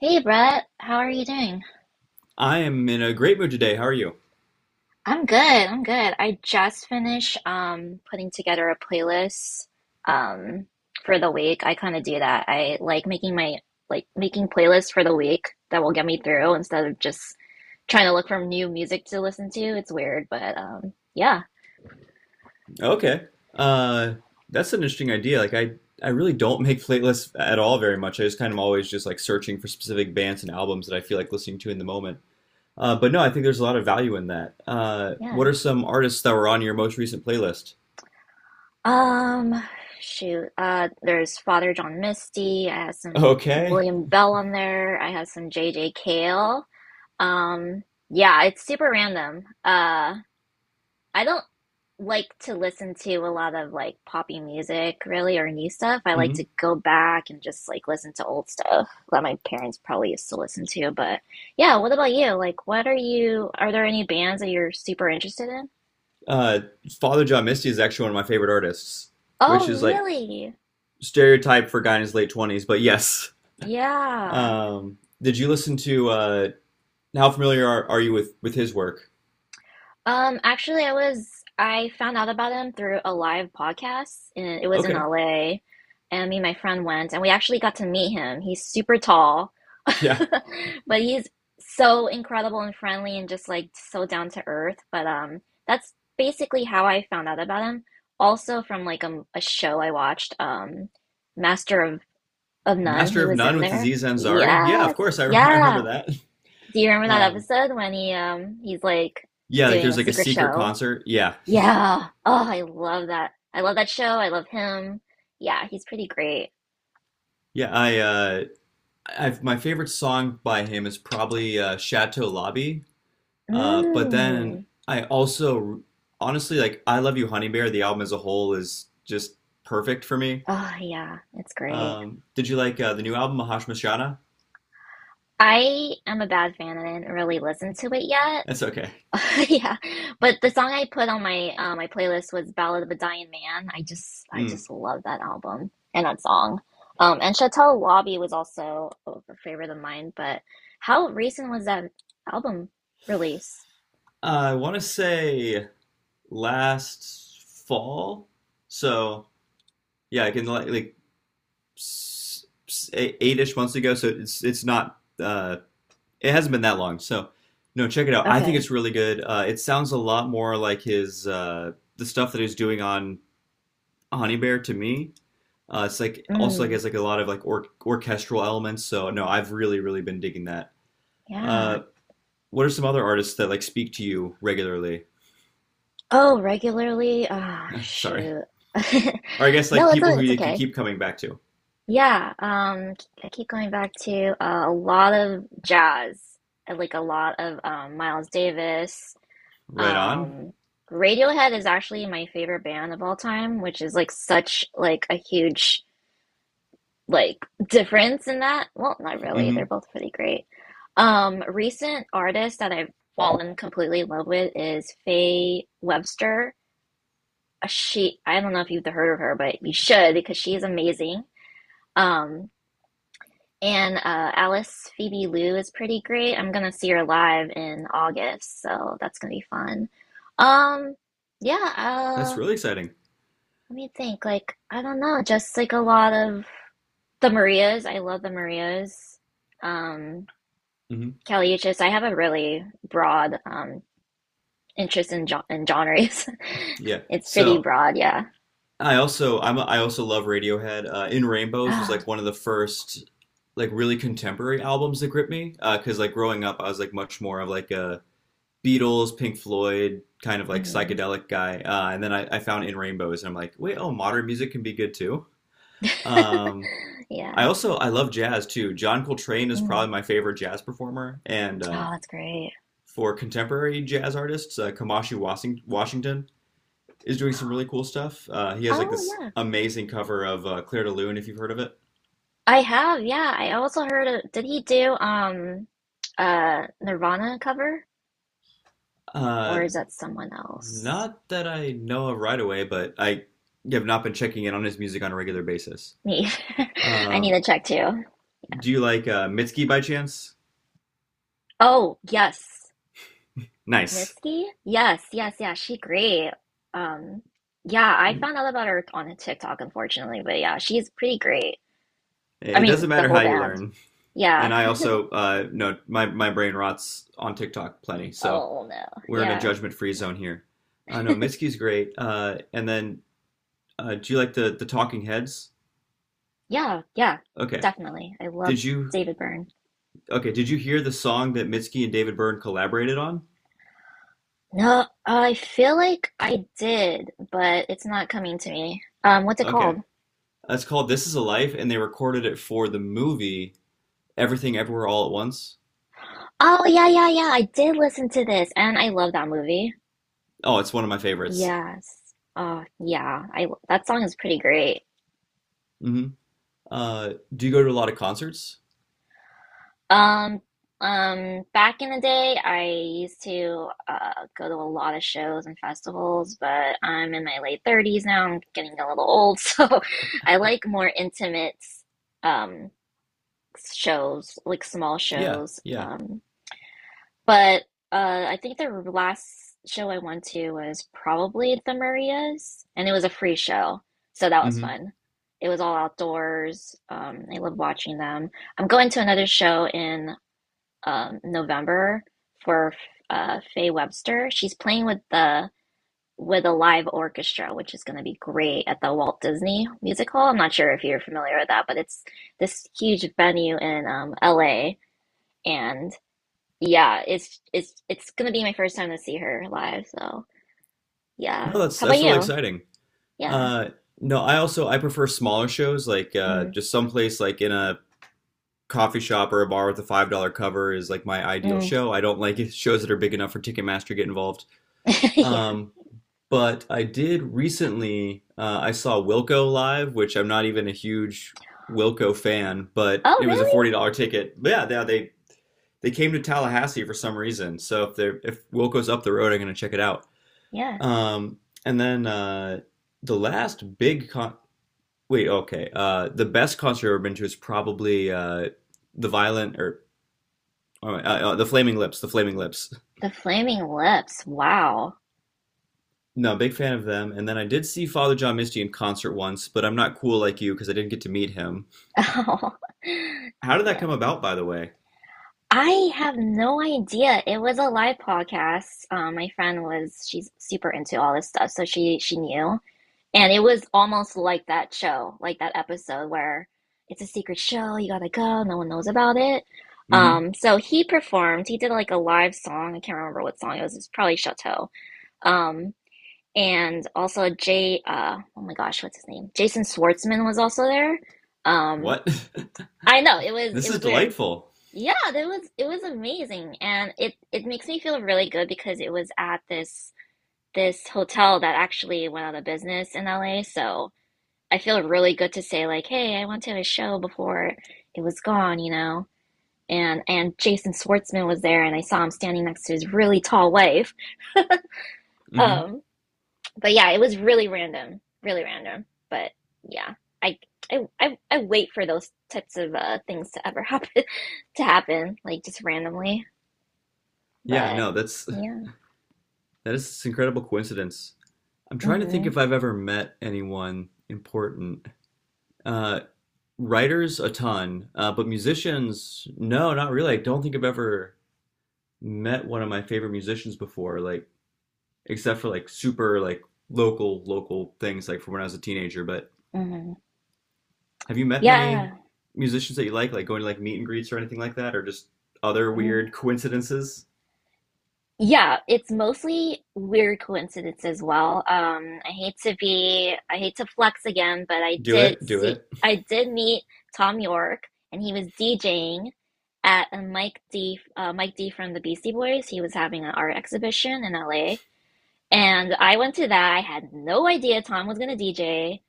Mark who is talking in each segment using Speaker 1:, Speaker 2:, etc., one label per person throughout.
Speaker 1: Hey Brett, how are you doing?
Speaker 2: I am in a great mood today. How are you?
Speaker 1: I'm good. I'm good. I just finished putting together a playlist um for the week. I kind of do that. I like making my like making playlists for the week that will get me through instead of just trying to look for new music to listen to. It's weird, but yeah.
Speaker 2: Okay. Uh, that's an interesting idea. Like I really don't make playlists at all very much. I just kind of always just like searching for specific bands and albums that I feel like listening to in the moment. But no, I think there's a lot of value in that.
Speaker 1: Yeah.
Speaker 2: What are some artists that were on your most recent playlist?
Speaker 1: Um Shoot. There's Father John Misty. I have some
Speaker 2: Okay.
Speaker 1: William Bell on there. I have some J J. Cale. Um, yeah, it's super random. I don't like to listen to a lot of like poppy music really or new stuff. I like to
Speaker 2: hmm
Speaker 1: go back and just like listen to old stuff that my parents probably used to listen to. But yeah, what about you? Like, are there any bands that you're super interested in?
Speaker 2: Uh, Father John Misty is actually one of my favorite artists,
Speaker 1: Oh,
Speaker 2: which is like
Speaker 1: really?
Speaker 2: stereotype for a guy in his late 20s, but yes.
Speaker 1: Yeah.
Speaker 2: Did you listen to how familiar are you with his work?
Speaker 1: Actually, I found out about him through a live podcast, and it was in
Speaker 2: Okay.
Speaker 1: LA. And me and my friend went, and we actually got to meet him. He's super tall,
Speaker 2: Yeah.
Speaker 1: but he's so incredible and friendly, and just like so down to earth. But that's basically how I found out about him. Also from like a show I watched, Master of None. He
Speaker 2: Master of
Speaker 1: was
Speaker 2: None
Speaker 1: in
Speaker 2: with
Speaker 1: there.
Speaker 2: Aziz Ansari. Yeah, of
Speaker 1: Yes,
Speaker 2: course. I, I
Speaker 1: yeah.
Speaker 2: remember that.
Speaker 1: Do you remember that
Speaker 2: Um,
Speaker 1: episode when he's like
Speaker 2: yeah, like
Speaker 1: doing
Speaker 2: there's
Speaker 1: a
Speaker 2: like a
Speaker 1: secret
Speaker 2: secret
Speaker 1: show?
Speaker 2: concert. Yeah.
Speaker 1: Yeah. Oh, I love that. I love that show. I love him. Yeah, he's pretty great.
Speaker 2: Yeah. My favorite song by him is probably Chateau Lobby. But then
Speaker 1: Mm.
Speaker 2: I also, honestly, like I Love You, Honey Bear, the album as a whole is just perfect for me.
Speaker 1: Oh, yeah, it's great.
Speaker 2: Did you like the new album, Mahash Mashana?
Speaker 1: I am a bad fan and I didn't really listen to it yet.
Speaker 2: That's okay.
Speaker 1: Yeah, but the song I put on my my playlist was "Ballad of a Dying Man." I
Speaker 2: Mm.
Speaker 1: just love that album and that song. And Chateau Lobby was also a favorite of mine. But how recent was that album release?
Speaker 2: I want to say last fall. So yeah, like eight ish months ago, so it's not it hasn't been that long. So no, check it out. I think
Speaker 1: Okay.
Speaker 2: it's really good. It sounds a lot more like his the stuff that he's doing on Honey Bear to me. It's like also like
Speaker 1: Mm,
Speaker 2: has like a lot of like orchestral elements. So no, I've really been digging that. Uh,
Speaker 1: yeah.
Speaker 2: what are some other artists that like speak to you regularly?
Speaker 1: Oh, regularly? Ah,
Speaker 2: Sorry,
Speaker 1: shoot.
Speaker 2: or I guess like
Speaker 1: No,
Speaker 2: people who
Speaker 1: it's
Speaker 2: like, you
Speaker 1: okay.
Speaker 2: keep coming back to.
Speaker 1: Yeah, I keep going back to a lot of jazz, and, like a lot of Miles Davis.
Speaker 2: Right on.
Speaker 1: Um, Radiohead is actually my favorite band of all time, which is like a huge like difference in that. Well, not really. They're
Speaker 2: Mm-hmm.
Speaker 1: both pretty great. Recent artist that I've fallen completely in love with is Faye Webster. She, I don't know if you've heard of her, but you should because she's amazing. Um, and Alice Phoebe Liu is pretty great. I'm gonna see her live in August, so that's gonna be fun. Um, yeah.
Speaker 2: That's
Speaker 1: Uh,
Speaker 2: really exciting.
Speaker 1: let me think. Like I don't know, just like a lot of the Marias. I love the Marias. Um,
Speaker 2: Mm-hmm.
Speaker 1: Caliuchis. I have a really broad interest in in genres.
Speaker 2: Yeah.
Speaker 1: It's pretty
Speaker 2: So
Speaker 1: broad, yeah.
Speaker 2: I also love Radiohead. In Rainbows was
Speaker 1: Oh,
Speaker 2: like one of the first like really contemporary albums that gripped me because like growing up I was like much more of like a Beatles, Pink Floyd kind of like
Speaker 1: mhm.
Speaker 2: psychedelic guy, and then I found In Rainbows and I'm like, wait, oh, modern music can be good too. Um,
Speaker 1: Yeah.
Speaker 2: I also I love jazz too. John Coltrane is
Speaker 1: Mm.
Speaker 2: probably my favorite jazz performer, and
Speaker 1: Oh, that's great.
Speaker 2: for contemporary jazz artists, Kamashi Washington is doing some really cool stuff. He has like
Speaker 1: Oh,
Speaker 2: this
Speaker 1: yeah.
Speaker 2: amazing cover of Claire de Lune, if you've heard of it.
Speaker 1: I have, yeah. I also heard of, did he do Nirvana cover or
Speaker 2: Uh,
Speaker 1: is that someone else?
Speaker 2: not that I know of right away, but I have not been checking in on his music on a regular basis.
Speaker 1: Me. I need
Speaker 2: Um,
Speaker 1: to check too.
Speaker 2: do you like Mitski by chance?
Speaker 1: Oh, yes.
Speaker 2: Nice.
Speaker 1: Mitski? Yes, yes, yeah. She great. Um yeah, I found out about her on a TikTok unfortunately, but yeah, she's pretty great. I
Speaker 2: It
Speaker 1: mean,
Speaker 2: doesn't
Speaker 1: the
Speaker 2: matter
Speaker 1: whole
Speaker 2: how you
Speaker 1: band.
Speaker 2: learn.
Speaker 1: Yeah.
Speaker 2: And I also no, my brain rots on TikTok plenty, so
Speaker 1: Oh no.
Speaker 2: we're in a
Speaker 1: Yeah.
Speaker 2: judgment free zone here. No, Mitski's great. And then do you like the Talking Heads?
Speaker 1: Yeah, yeah.
Speaker 2: Okay.
Speaker 1: Definitely. I love
Speaker 2: Did you
Speaker 1: David Byrne.
Speaker 2: Okay, did you hear the song that Mitski and David Byrne collaborated on?
Speaker 1: No, I feel like I did, but it's not coming to me. What's it
Speaker 2: Okay.
Speaker 1: called?
Speaker 2: It's called This Is a Life, and they recorded it for the movie Everything Everywhere All at Once.
Speaker 1: Oh, yeah, yeah, yeah. I did listen to this, and I love that movie.
Speaker 2: Oh, it's one of my favorites.
Speaker 1: Yes. Yeah. I that song is pretty great.
Speaker 2: hmm do you go to a lot of concerts?
Speaker 1: Um, back in the day, I used to go to a lot of shows and festivals, but I'm in my late 30s now. I'm getting a little old, so I like more intimate um shows, like small
Speaker 2: Yeah,
Speaker 1: shows.
Speaker 2: yeah.
Speaker 1: Um, but I think the last show I went to was probably the Marias, and it was a free show, so that was
Speaker 2: hmm
Speaker 1: fun. It was all outdoors. I love watching them. I'm going to another show in November for Faye Webster. She's playing with the with a live orchestra, which is going to be great at the Walt Disney Music Hall. I'm not sure if you're familiar with that, but it's this huge venue in LA. Yeah, it's gonna be my first time to see her live, so yeah.
Speaker 2: No,
Speaker 1: How about
Speaker 2: that's really
Speaker 1: you?
Speaker 2: exciting.
Speaker 1: Yeah.
Speaker 2: Uh, no, I also I prefer smaller shows, like
Speaker 1: Mm,
Speaker 2: just someplace like in a coffee shop or a bar with a $5 cover is like my ideal
Speaker 1: mm.
Speaker 2: show. I don't like shows that are big enough for Ticketmaster to get involved.
Speaker 1: Yeah.
Speaker 2: Um, But I did recently, I saw Wilco live, which I'm not even a huge Wilco fan, but
Speaker 1: Oh,
Speaker 2: it was a
Speaker 1: really?
Speaker 2: $40 ticket. But yeah, they came to Tallahassee for some reason. So if they're if Wilco's up the road, I'm gonna check it out.
Speaker 1: Yeah.
Speaker 2: Um, and then the last big con wait, okay, the best concert I've ever been to is probably the Violent or oh, the Flaming Lips, the Flaming Lips.
Speaker 1: The Flaming Lips. Wow.
Speaker 2: No, big fan of them. And then I did see Father John Misty in concert once, but I'm not cool like you because I didn't get to meet him.
Speaker 1: Oh.
Speaker 2: How did that
Speaker 1: Yeah.
Speaker 2: come about, by the way?
Speaker 1: I have no idea. It was a live podcast. My friend was she's super into all this stuff, so she knew. And it was almost like that show, like that episode where it's a secret show, you gotta go, no one knows about it.
Speaker 2: Mm-hmm.
Speaker 1: So he performed, he did like a live song, I can't remember what song it was, it's probably Chateau. Um, and also oh my gosh, what's his name? Jason Schwartzman was also there. Um,
Speaker 2: What?
Speaker 1: I know, it
Speaker 2: this is
Speaker 1: was weird.
Speaker 2: delightful.
Speaker 1: Yeah, it was amazing. And it makes me feel really good because it was at this hotel that actually went out of business in LA. So, I feel really good to say like, hey, I went to a show before it was gone, you know. And Jason Schwartzman was there, and I saw him standing next to his really tall wife.
Speaker 2: Mm-hmm.
Speaker 1: Um, but yeah, it was really random, really random. But yeah, I I wait for those types of things to ever happen to happen, like just randomly.
Speaker 2: Yeah,
Speaker 1: But
Speaker 2: no,
Speaker 1: yeah,
Speaker 2: that is this incredible coincidence. I'm trying to think
Speaker 1: mm-hmm,
Speaker 2: if I've ever met anyone important. Uh, writers, a ton, but musicians, no, not really. I don't think I've ever met one of my favorite musicians before, like except for like super like local local things like from when I was a teenager. But
Speaker 1: mm-hmm.
Speaker 2: have you met many
Speaker 1: Yeah.
Speaker 2: musicians that you like going to like meet and greets or anything like that, or just other
Speaker 1: Mm.
Speaker 2: weird coincidences?
Speaker 1: Yeah, it's mostly weird coincidence as well. I hate to flex again, but
Speaker 2: Do it, do it.
Speaker 1: I did meet Tom York, and he was DJing at a Mike D from the Beastie Boys. He was having an art exhibition in LA, and I went to that. I had no idea Tom was gonna DJ.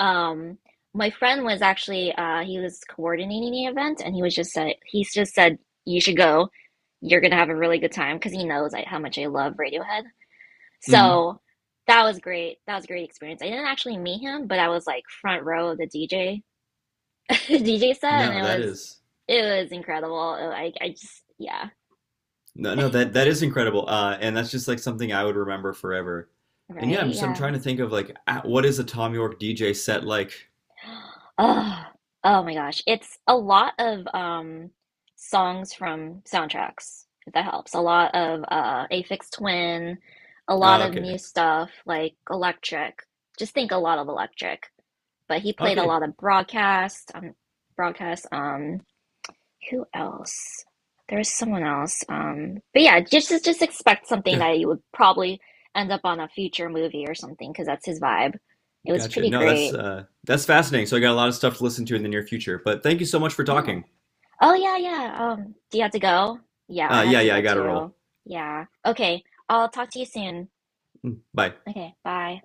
Speaker 1: Um, my friend was actually he was coordinating the event, and he just said you should go. You're gonna have a really good time because he knows like, how much I love Radiohead.
Speaker 2: hmm
Speaker 1: So that was great. That was a great experience. I didn't actually meet him, but I was like front row of the DJ set, and
Speaker 2: No, that is
Speaker 1: it was incredible. Oh, I just yeah.
Speaker 2: no, no, that is incredible, and that's just like something I would remember forever. And yeah,
Speaker 1: Right,
Speaker 2: I'm
Speaker 1: yeah.
Speaker 2: trying to think of like ah, what is a Tom York DJ set like?
Speaker 1: Oh, oh my gosh. It's a lot of songs from soundtracks, if that helps. A lot of Aphex Twin, a lot
Speaker 2: Uh,
Speaker 1: of
Speaker 2: okay,
Speaker 1: new stuff like Electric. Just think a lot of Electric. But he played a
Speaker 2: okay,
Speaker 1: lot of Broadcast, Broadcast. Who else? There was someone else. Um, but yeah, just expect something
Speaker 2: G-
Speaker 1: that you would probably end up on a future movie or something because that's his vibe. It was
Speaker 2: gotcha.
Speaker 1: pretty
Speaker 2: No,
Speaker 1: great.
Speaker 2: that's fascinating. So I got a lot of stuff to listen to in the near future. But thank you so much for
Speaker 1: Yeah.
Speaker 2: talking.
Speaker 1: Oh yeah, yeah. Do you have to go? Yeah, I have
Speaker 2: Yeah,
Speaker 1: to
Speaker 2: yeah, I
Speaker 1: go
Speaker 2: gotta
Speaker 1: too.
Speaker 2: roll.
Speaker 1: Yeah. Okay, I'll talk to you soon.
Speaker 2: Bye.
Speaker 1: Okay, bye.